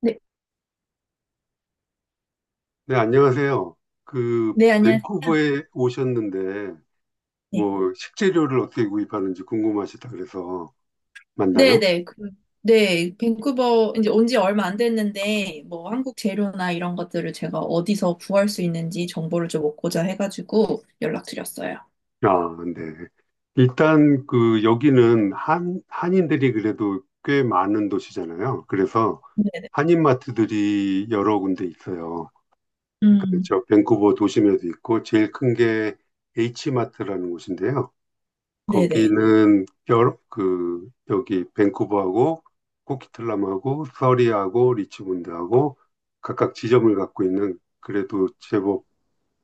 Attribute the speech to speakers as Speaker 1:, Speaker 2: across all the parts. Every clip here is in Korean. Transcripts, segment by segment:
Speaker 1: 네,
Speaker 2: 네, 안녕하세요. 그,
Speaker 1: 네, 안녕하세요.
Speaker 2: 밴쿠버에 오셨는데,
Speaker 1: 네,
Speaker 2: 뭐, 식재료를 어떻게 구입하는지 궁금하시다 그래서
Speaker 1: 네,
Speaker 2: 만나요?
Speaker 1: 네, 그, 네, 밴쿠버 이제 온지 얼마 안 됐는데 뭐 한국 재료나 이런 것들을 제가 어디서 구할 수 있는지 정보를 좀 얻고자 해가지고 연락드렸어요.
Speaker 2: 아, 네. 일단, 그, 여기는 한인들이 그래도 꽤 많은 도시잖아요. 그래서
Speaker 1: 네.
Speaker 2: 한인마트들이 여러 군데 있어요. 그러니까
Speaker 1: 음.
Speaker 2: 저 밴쿠버 도심에도 있고, 제일 큰 게 H마트라는 곳인데요.
Speaker 1: 네, 네.
Speaker 2: 거기는 그 여기 밴쿠버하고 코키틀람하고 서리하고 리치몬드하고 각각 지점을 갖고 있는 그래도 제법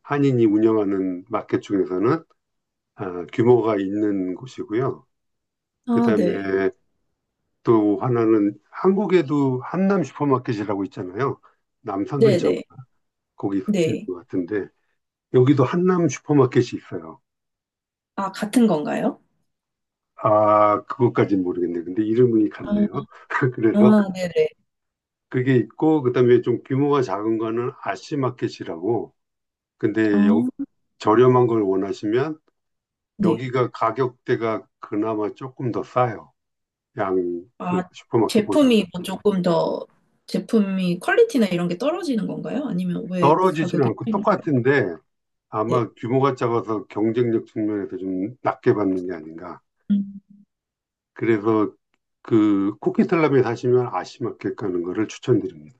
Speaker 2: 한인이 운영하는 마켓 중에서는 아, 규모가 있는 곳이고요.
Speaker 1: 아, 네.
Speaker 2: 그다음에 또 하나는 한국에도 한남 슈퍼마켓이라고 있잖아요. 남산
Speaker 1: 네,
Speaker 2: 근처
Speaker 1: 네,
Speaker 2: 거기 있는
Speaker 1: 네.
Speaker 2: 것 같은데 여기도 한남 슈퍼마켓이 있어요.
Speaker 1: 아, 같은 건가요?
Speaker 2: 아, 그것까진 모르겠네. 근데 이름이
Speaker 1: 아.
Speaker 2: 같네요. 그래서
Speaker 1: 아. 네, 네.
Speaker 2: 그게 있고, 그다음에 좀 규모가 작은 거는 아시마켓이라고.
Speaker 1: 아,
Speaker 2: 근데 저렴한 걸 원하시면
Speaker 1: 네.
Speaker 2: 여기가 가격대가 그나마 조금 더 싸요. 양 그
Speaker 1: 아,
Speaker 2: 슈퍼마켓보다는.
Speaker 1: 제품이 뭐 조금 더 제품이 퀄리티나 이런 게 떨어지는 건가요? 아니면 왜
Speaker 2: 떨어지지는
Speaker 1: 가격이
Speaker 2: 않고
Speaker 1: 차이?
Speaker 2: 똑같은데
Speaker 1: 네.
Speaker 2: 아마 규모가 작아서 경쟁력 측면에서 좀 낮게 받는 게 아닌가. 그래서 그 코키텔람에 사시면 아시마켓 가는 거를 추천드립니다.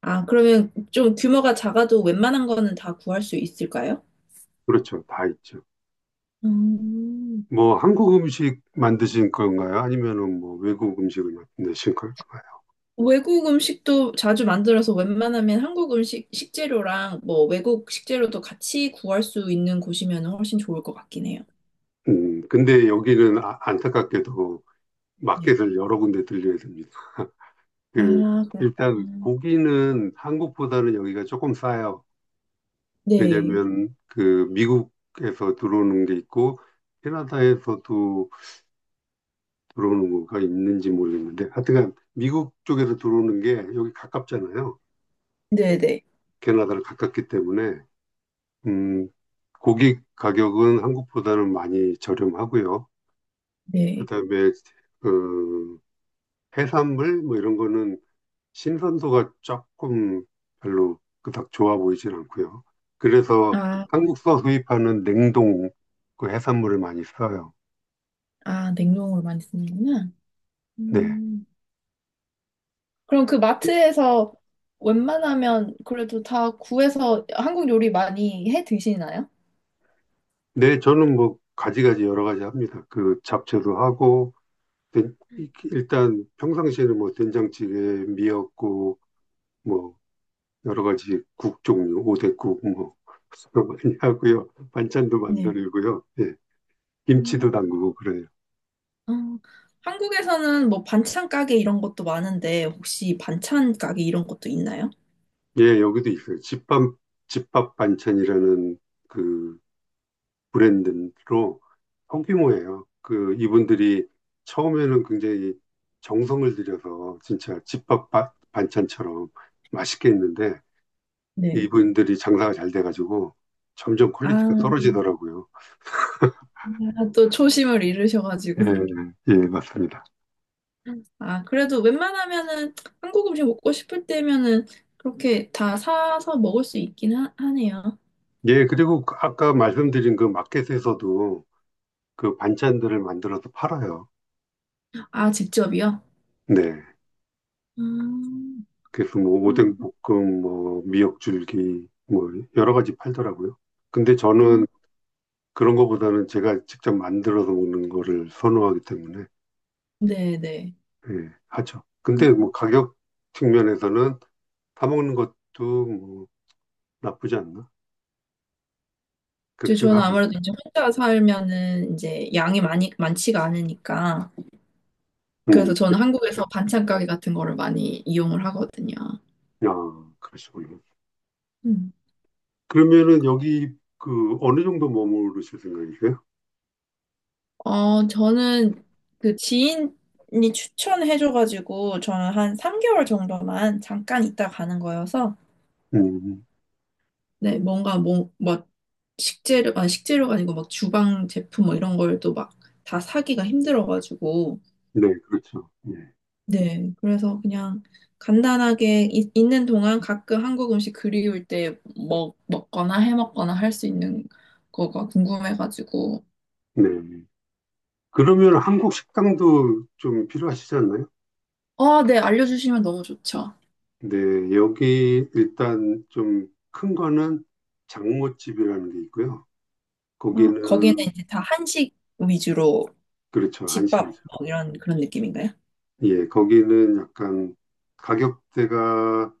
Speaker 1: 아, 그러면 좀 규모가 작아도 웬만한 거는 다 구할 수 있을까요?
Speaker 2: 그렇죠. 다 있죠.
Speaker 1: 음.
Speaker 2: 뭐 한국 음식 만드신 건가요? 아니면은 뭐 외국 음식을 만드신 건가요?
Speaker 1: 외국 음식도 자주 만들어서 웬만하면 한국 음식 식재료랑 뭐 외국 식재료도 같이 구할 수 있는 곳이면 훨씬 좋을 것 같긴 해요.
Speaker 2: 근데 여기는 안타깝게도
Speaker 1: 네.
Speaker 2: 마켓을 여러 군데 들려야 됩니다.
Speaker 1: 아,
Speaker 2: 그, 일단
Speaker 1: 그렇구나.
Speaker 2: 고기는 한국보다는 여기가 조금 싸요.
Speaker 1: 네.
Speaker 2: 왜냐면 그 미국에서 들어오는 게 있고 캐나다에서도 들어오는 거가 있는지 모르겠는데 하여튼간 미국 쪽에서 들어오는 게 여기 가깝잖아요.
Speaker 1: 네네.
Speaker 2: 캐나다를 가깝기 때문에 음, 고기 가격은 한국보다는 많이 저렴하고요.
Speaker 1: 네.
Speaker 2: 그다음에 그 해산물 뭐 이런 거는 신선도가 조금 별로 그닥 좋아 보이진 않고요. 그래서
Speaker 1: 아.
Speaker 2: 한국서 수입하는 냉동 그 해산물을 많이 써요.
Speaker 1: 아, 냉동으로 많이 쓰는구나.
Speaker 2: 네.
Speaker 1: 음. 그럼 그
Speaker 2: 그-
Speaker 1: 마트에서 웬만하면 그래도 다 구해서 한국 요리 많이 해 드시나요?
Speaker 2: 네, 저는 뭐 가지가지 여러 가지 합니다. 그 잡채도 하고 된- 일단 평상시에는 뭐 된장찌개, 미역국 뭐 여러 가지 국 종류, 오뎅국 뭐 많이 하고요. 반찬도
Speaker 1: 네.
Speaker 2: 만들고요. 예. 김치도
Speaker 1: 음.
Speaker 2: 담그고 그래요.
Speaker 1: 어, 한국에서는 뭐 반찬 가게 이런 것도 많은데 혹시 반찬 가게 이런 것도 있나요?
Speaker 2: 예, 여기도 있어요. 집밥 반찬이라는 그 브랜드로 소규모예요. 그 이분들이 처음에는 굉장히 정성을 들여서 진짜 집밥 반찬처럼 맛있게 했는데
Speaker 1: 네.
Speaker 2: 이분들이 장사가 잘 돼가지고 점점
Speaker 1: 아,
Speaker 2: 퀄리티가 떨어지더라고요.
Speaker 1: 또 초심을
Speaker 2: 예,
Speaker 1: 잃으셔가지고.
Speaker 2: 예, 맞습니다.
Speaker 1: 아, 그래도 웬만하면은 한국 음식 먹고 싶을 때면은 그렇게 다 사서 먹을 수 있긴 하, 하네요.
Speaker 2: 예, 그리고 그 아까 말씀드린 그 마켓에서도 그 반찬들을 만들어서 팔아요.
Speaker 1: 아, 직접이요?
Speaker 2: 네.
Speaker 1: 음.
Speaker 2: 그래서 뭐
Speaker 1: 그럼,
Speaker 2: 오뎅 볶음, 뭐 미역줄기, 뭐 여러 가지 팔더라고요. 근데 저는
Speaker 1: 아,
Speaker 2: 그런 거보다는 제가 직접 만들어서 먹는 거를 선호하기 때문에
Speaker 1: 네네.
Speaker 2: 예, 하죠.
Speaker 1: 음.
Speaker 2: 근데 뭐 가격 측면에서는 사 먹는 것도 뭐 나쁘지 않나
Speaker 1: 저-
Speaker 2: 그렇게
Speaker 1: 저는
Speaker 2: 생각합니다.
Speaker 1: 아무래도 이제 혼자 살면은 이제 양이 많이, 많지가 않으니까.
Speaker 2: 음,
Speaker 1: 그래서 저는 한국에서
Speaker 2: 그렇죠.
Speaker 1: 반찬 가게 같은 거를 많이 이용을 하거든요.
Speaker 2: 아, 그러시군요.
Speaker 1: 음.
Speaker 2: 그러면은 여기 그 어느 정도 머무르실 생각이세요?
Speaker 1: 어, 저는 그 지인이 추천해줘가지고 저는 한 3개월 정도만 잠깐 있다 가는 거여서
Speaker 2: 음,
Speaker 1: 네, 뭔가 뭐, 막 식재료, 아니 식재료가 아니고 막 주방 제품 뭐 이런 걸 또 막 다 사기가 힘들어가지고
Speaker 2: 네, 그렇죠. 예,
Speaker 1: 네, 그래서 그냥 간단하게 이- 있는 동안 가끔 한국 음식 그리울 때 먹거나 해 먹거나 할 수 있는 거가 궁금해가지고
Speaker 2: 네. 그러면 한국 식당도 좀 필요하시지 않나요?
Speaker 1: 아, 네, 알려주시면 너무 좋죠.
Speaker 2: 네, 여기 일단 좀 큰 거는 장모집이라는 게 있고요.
Speaker 1: 아, 거기는
Speaker 2: 거기는,
Speaker 1: 이제 다 한식 위주로
Speaker 2: 그렇죠,
Speaker 1: 집밥
Speaker 2: 한식이죠.
Speaker 1: 뭐 이런 그런 느낌인가요?
Speaker 2: 예, 거기는 약간 가격대가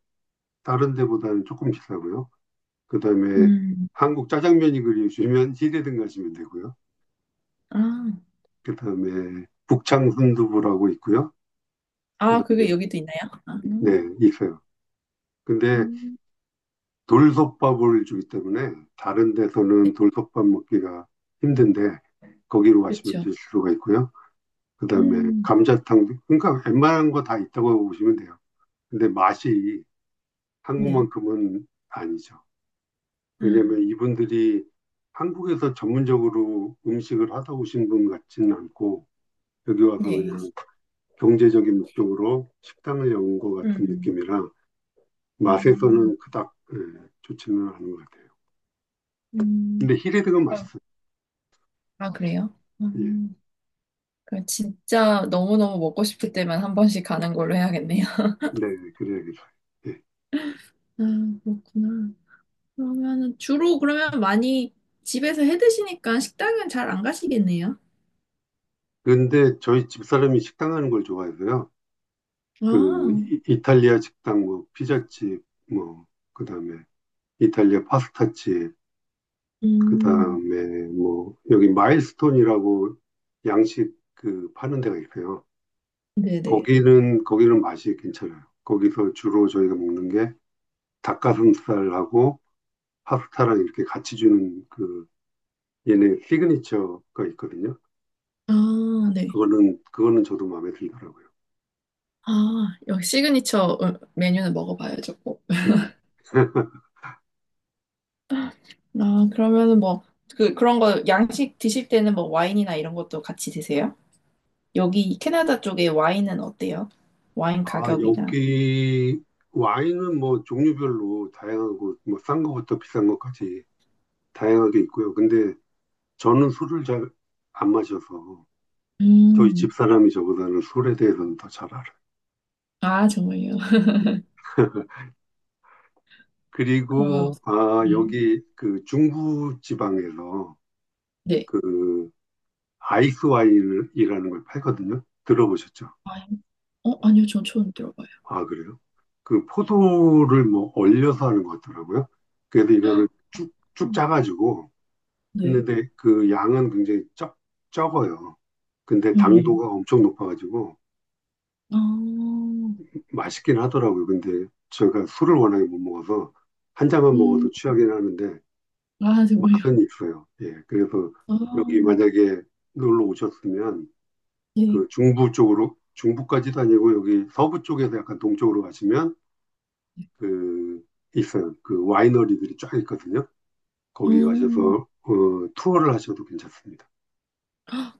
Speaker 2: 다른 데보다는 조금 비싸고요. 그 다음에
Speaker 1: 음.
Speaker 2: 한국 짜장면이 그리우시면 시대등 가시면 되고요.
Speaker 1: 아.
Speaker 2: 그 다음에 북창 순두부라고 있고요. 그
Speaker 1: 아, 그게
Speaker 2: 다음에,
Speaker 1: 여기도 있나요? 아. 음.
Speaker 2: 네, 있어요. 근데
Speaker 1: 음.
Speaker 2: 돌솥밥을 주기 때문에 다른 데서는 돌솥밥 먹기가 힘든데 거기로 가시면
Speaker 1: 그렇죠.
Speaker 2: 드실 수가 있고요. 그다음에
Speaker 1: 음.
Speaker 2: 감자탕도 그러니까 웬만한 거 다 있다고 보시면 돼요. 근데 맛이
Speaker 1: 네.
Speaker 2: 한국만큼은 아니죠.
Speaker 1: 아,
Speaker 2: 왜냐하면 이분들이 한국에서 전문적으로 음식을 하다 오신 분 같지는 않고 여기 와서
Speaker 1: 네.
Speaker 2: 그냥 경제적인 목적으로 식당을 여는 것 같은
Speaker 1: 음.
Speaker 2: 느낌이라
Speaker 1: 음.
Speaker 2: 맛에서는 그닥 예, 좋지는 않은 것 같아요.
Speaker 1: 음.
Speaker 2: 근데 히레드가
Speaker 1: 어.
Speaker 2: 맛있어요.
Speaker 1: 아, 그래요?
Speaker 2: 예.
Speaker 1: 음. 그럼 진짜 너무너무 먹고 싶을 때만 한 번씩 가는 걸로 해야겠네요.
Speaker 2: 네, 그래야겠요. 예.
Speaker 1: 아, 그렇구나. 그러면은 주로 그러면 많이 집에서 해 드시니까 식당은 잘 안 가시겠네요.
Speaker 2: 그런데 저희 집사람이 식당 가는 걸 좋아해서요.
Speaker 1: 아.
Speaker 2: 그 이탈리아 식당, 뭐 피자집, 뭐 그다음에 이탈리아 파스타집,
Speaker 1: 음.
Speaker 2: 그다음에 뭐 여기 마일스톤이라고 양식 그 파는 데가 있어요.
Speaker 1: 네네.
Speaker 2: 거기는 맛이 괜찮아요. 거기서 주로 저희가 먹는 게 닭가슴살하고 파스타랑 이렇게 같이 주는 그 얘네 시그니처가 있거든요.
Speaker 1: 아, 네.
Speaker 2: 그거는 저도 마음에 들더라고요.
Speaker 1: 아, 여기 시그니처 메뉴는 먹어봐야죠, 꼭. 아, 그러면은 뭐, 그, 그런 거, 양식 드실 때는 뭐, 와인이나 이런 것도 같이 드세요? 여기 캐나다 쪽에 와인은 어때요? 와인
Speaker 2: 아,
Speaker 1: 가격이나.
Speaker 2: 여기 와인은 뭐 종류별로 다양하고 뭐 싼 거부터 비싼 것까지 다양하게 있고요. 근데 저는 술을 잘 안 마셔서 저희
Speaker 1: 음.
Speaker 2: 집사람이 저보다는 술에 대해서는 더 잘 알아요.
Speaker 1: 아, 정말요? 그러면,
Speaker 2: 그리고 아,
Speaker 1: 음,
Speaker 2: 여기 그 중부 지방에서
Speaker 1: 네.
Speaker 2: 그 아이스 와인이라는 걸 팔거든요. 들어보셨죠?
Speaker 1: 와인? 어, 아니요, 전 처음 들어봐요.
Speaker 2: 아, 그래요? 그 포도를 뭐 얼려서 하는 것 같더라고요. 그래서 이거를 쭉, 쭉
Speaker 1: 음.
Speaker 2: 짜가지고
Speaker 1: 네.
Speaker 2: 했는데 그 양은 굉장히 적어요. 근데
Speaker 1: 음.
Speaker 2: 당도가 엄청 높아가지고
Speaker 1: 아.
Speaker 2: 맛있긴 하더라고요. 근데 제가 술을 워낙에 못 먹어서 한 잔만
Speaker 1: 음.
Speaker 2: 먹어도 취하긴 하는데
Speaker 1: 아, 정말요?
Speaker 2: 맛은 있어요. 예. 그래서
Speaker 1: 아,
Speaker 2: 여기 만약에 놀러 오셨으면
Speaker 1: 네.
Speaker 2: 그 중부 쪽으로 중부까지도 아니고 여기 서부 쪽에서 약간 동쪽으로 가시면 그 있어요. 그 와이너리들이 쫙 있거든요.
Speaker 1: 어.
Speaker 2: 거기 가셔서 투어를 하셔도 괜찮습니다.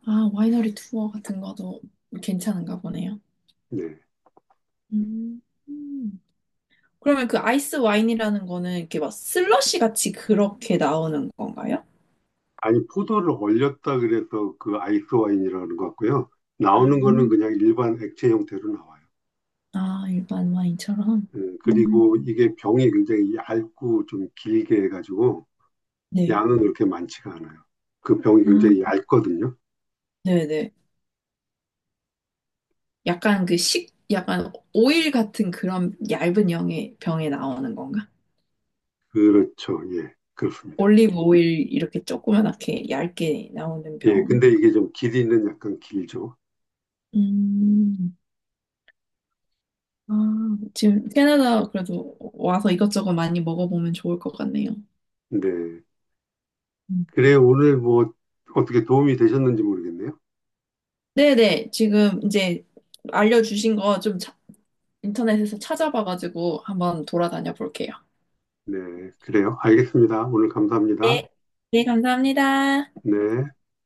Speaker 1: 아, 와이너리 투어 같은 것도 괜찮은가 보네요.
Speaker 2: 네.
Speaker 1: 음. 음. 그러면 그 아이스 와인이라는 거는 이렇게 막 슬러시 같이 그렇게 나오는 건가요?
Speaker 2: 아니, 포도를 얼렸다 그래서 그 아이스 와인이라는 것 같고요.
Speaker 1: 아.
Speaker 2: 나오는 거는 그냥 일반 액체 형태로 나와요.
Speaker 1: 아, 일반 와인처럼.
Speaker 2: 예, 그리고
Speaker 1: 음.
Speaker 2: 이게 병이 굉장히 얇고 좀 길게 해가지고
Speaker 1: 네.
Speaker 2: 양은 그렇게 많지가 않아요. 그 병이 굉장히
Speaker 1: 아,
Speaker 2: 얇거든요.
Speaker 1: 네네. 약간 그 식, 약간 오일 같은 그런 얇은 병에, 병에 나오는 건가?
Speaker 2: 그렇죠. 예, 그렇습니다.
Speaker 1: 올리브 오일 이렇게 조그맣게 얇게 나오는
Speaker 2: 예,
Speaker 1: 병.
Speaker 2: 근데 이게 좀 길이는 약간 길죠.
Speaker 1: 음. 아, 지금 캐나다 그래도 와서 이것저것 많이 먹어보면 좋을 것 같네요.
Speaker 2: 네.
Speaker 1: 음.
Speaker 2: 그래, 오늘 뭐 어떻게 도움이 되셨는지 모르겠네요.
Speaker 1: 네네, 지금 이제 알려주신 거 좀 인터넷에서 찾아봐가지고 한번 돌아다녀 볼게요.
Speaker 2: 네, 그래요. 알겠습니다. 오늘 감사합니다.
Speaker 1: 네. 네, 감사합니다.
Speaker 2: 네.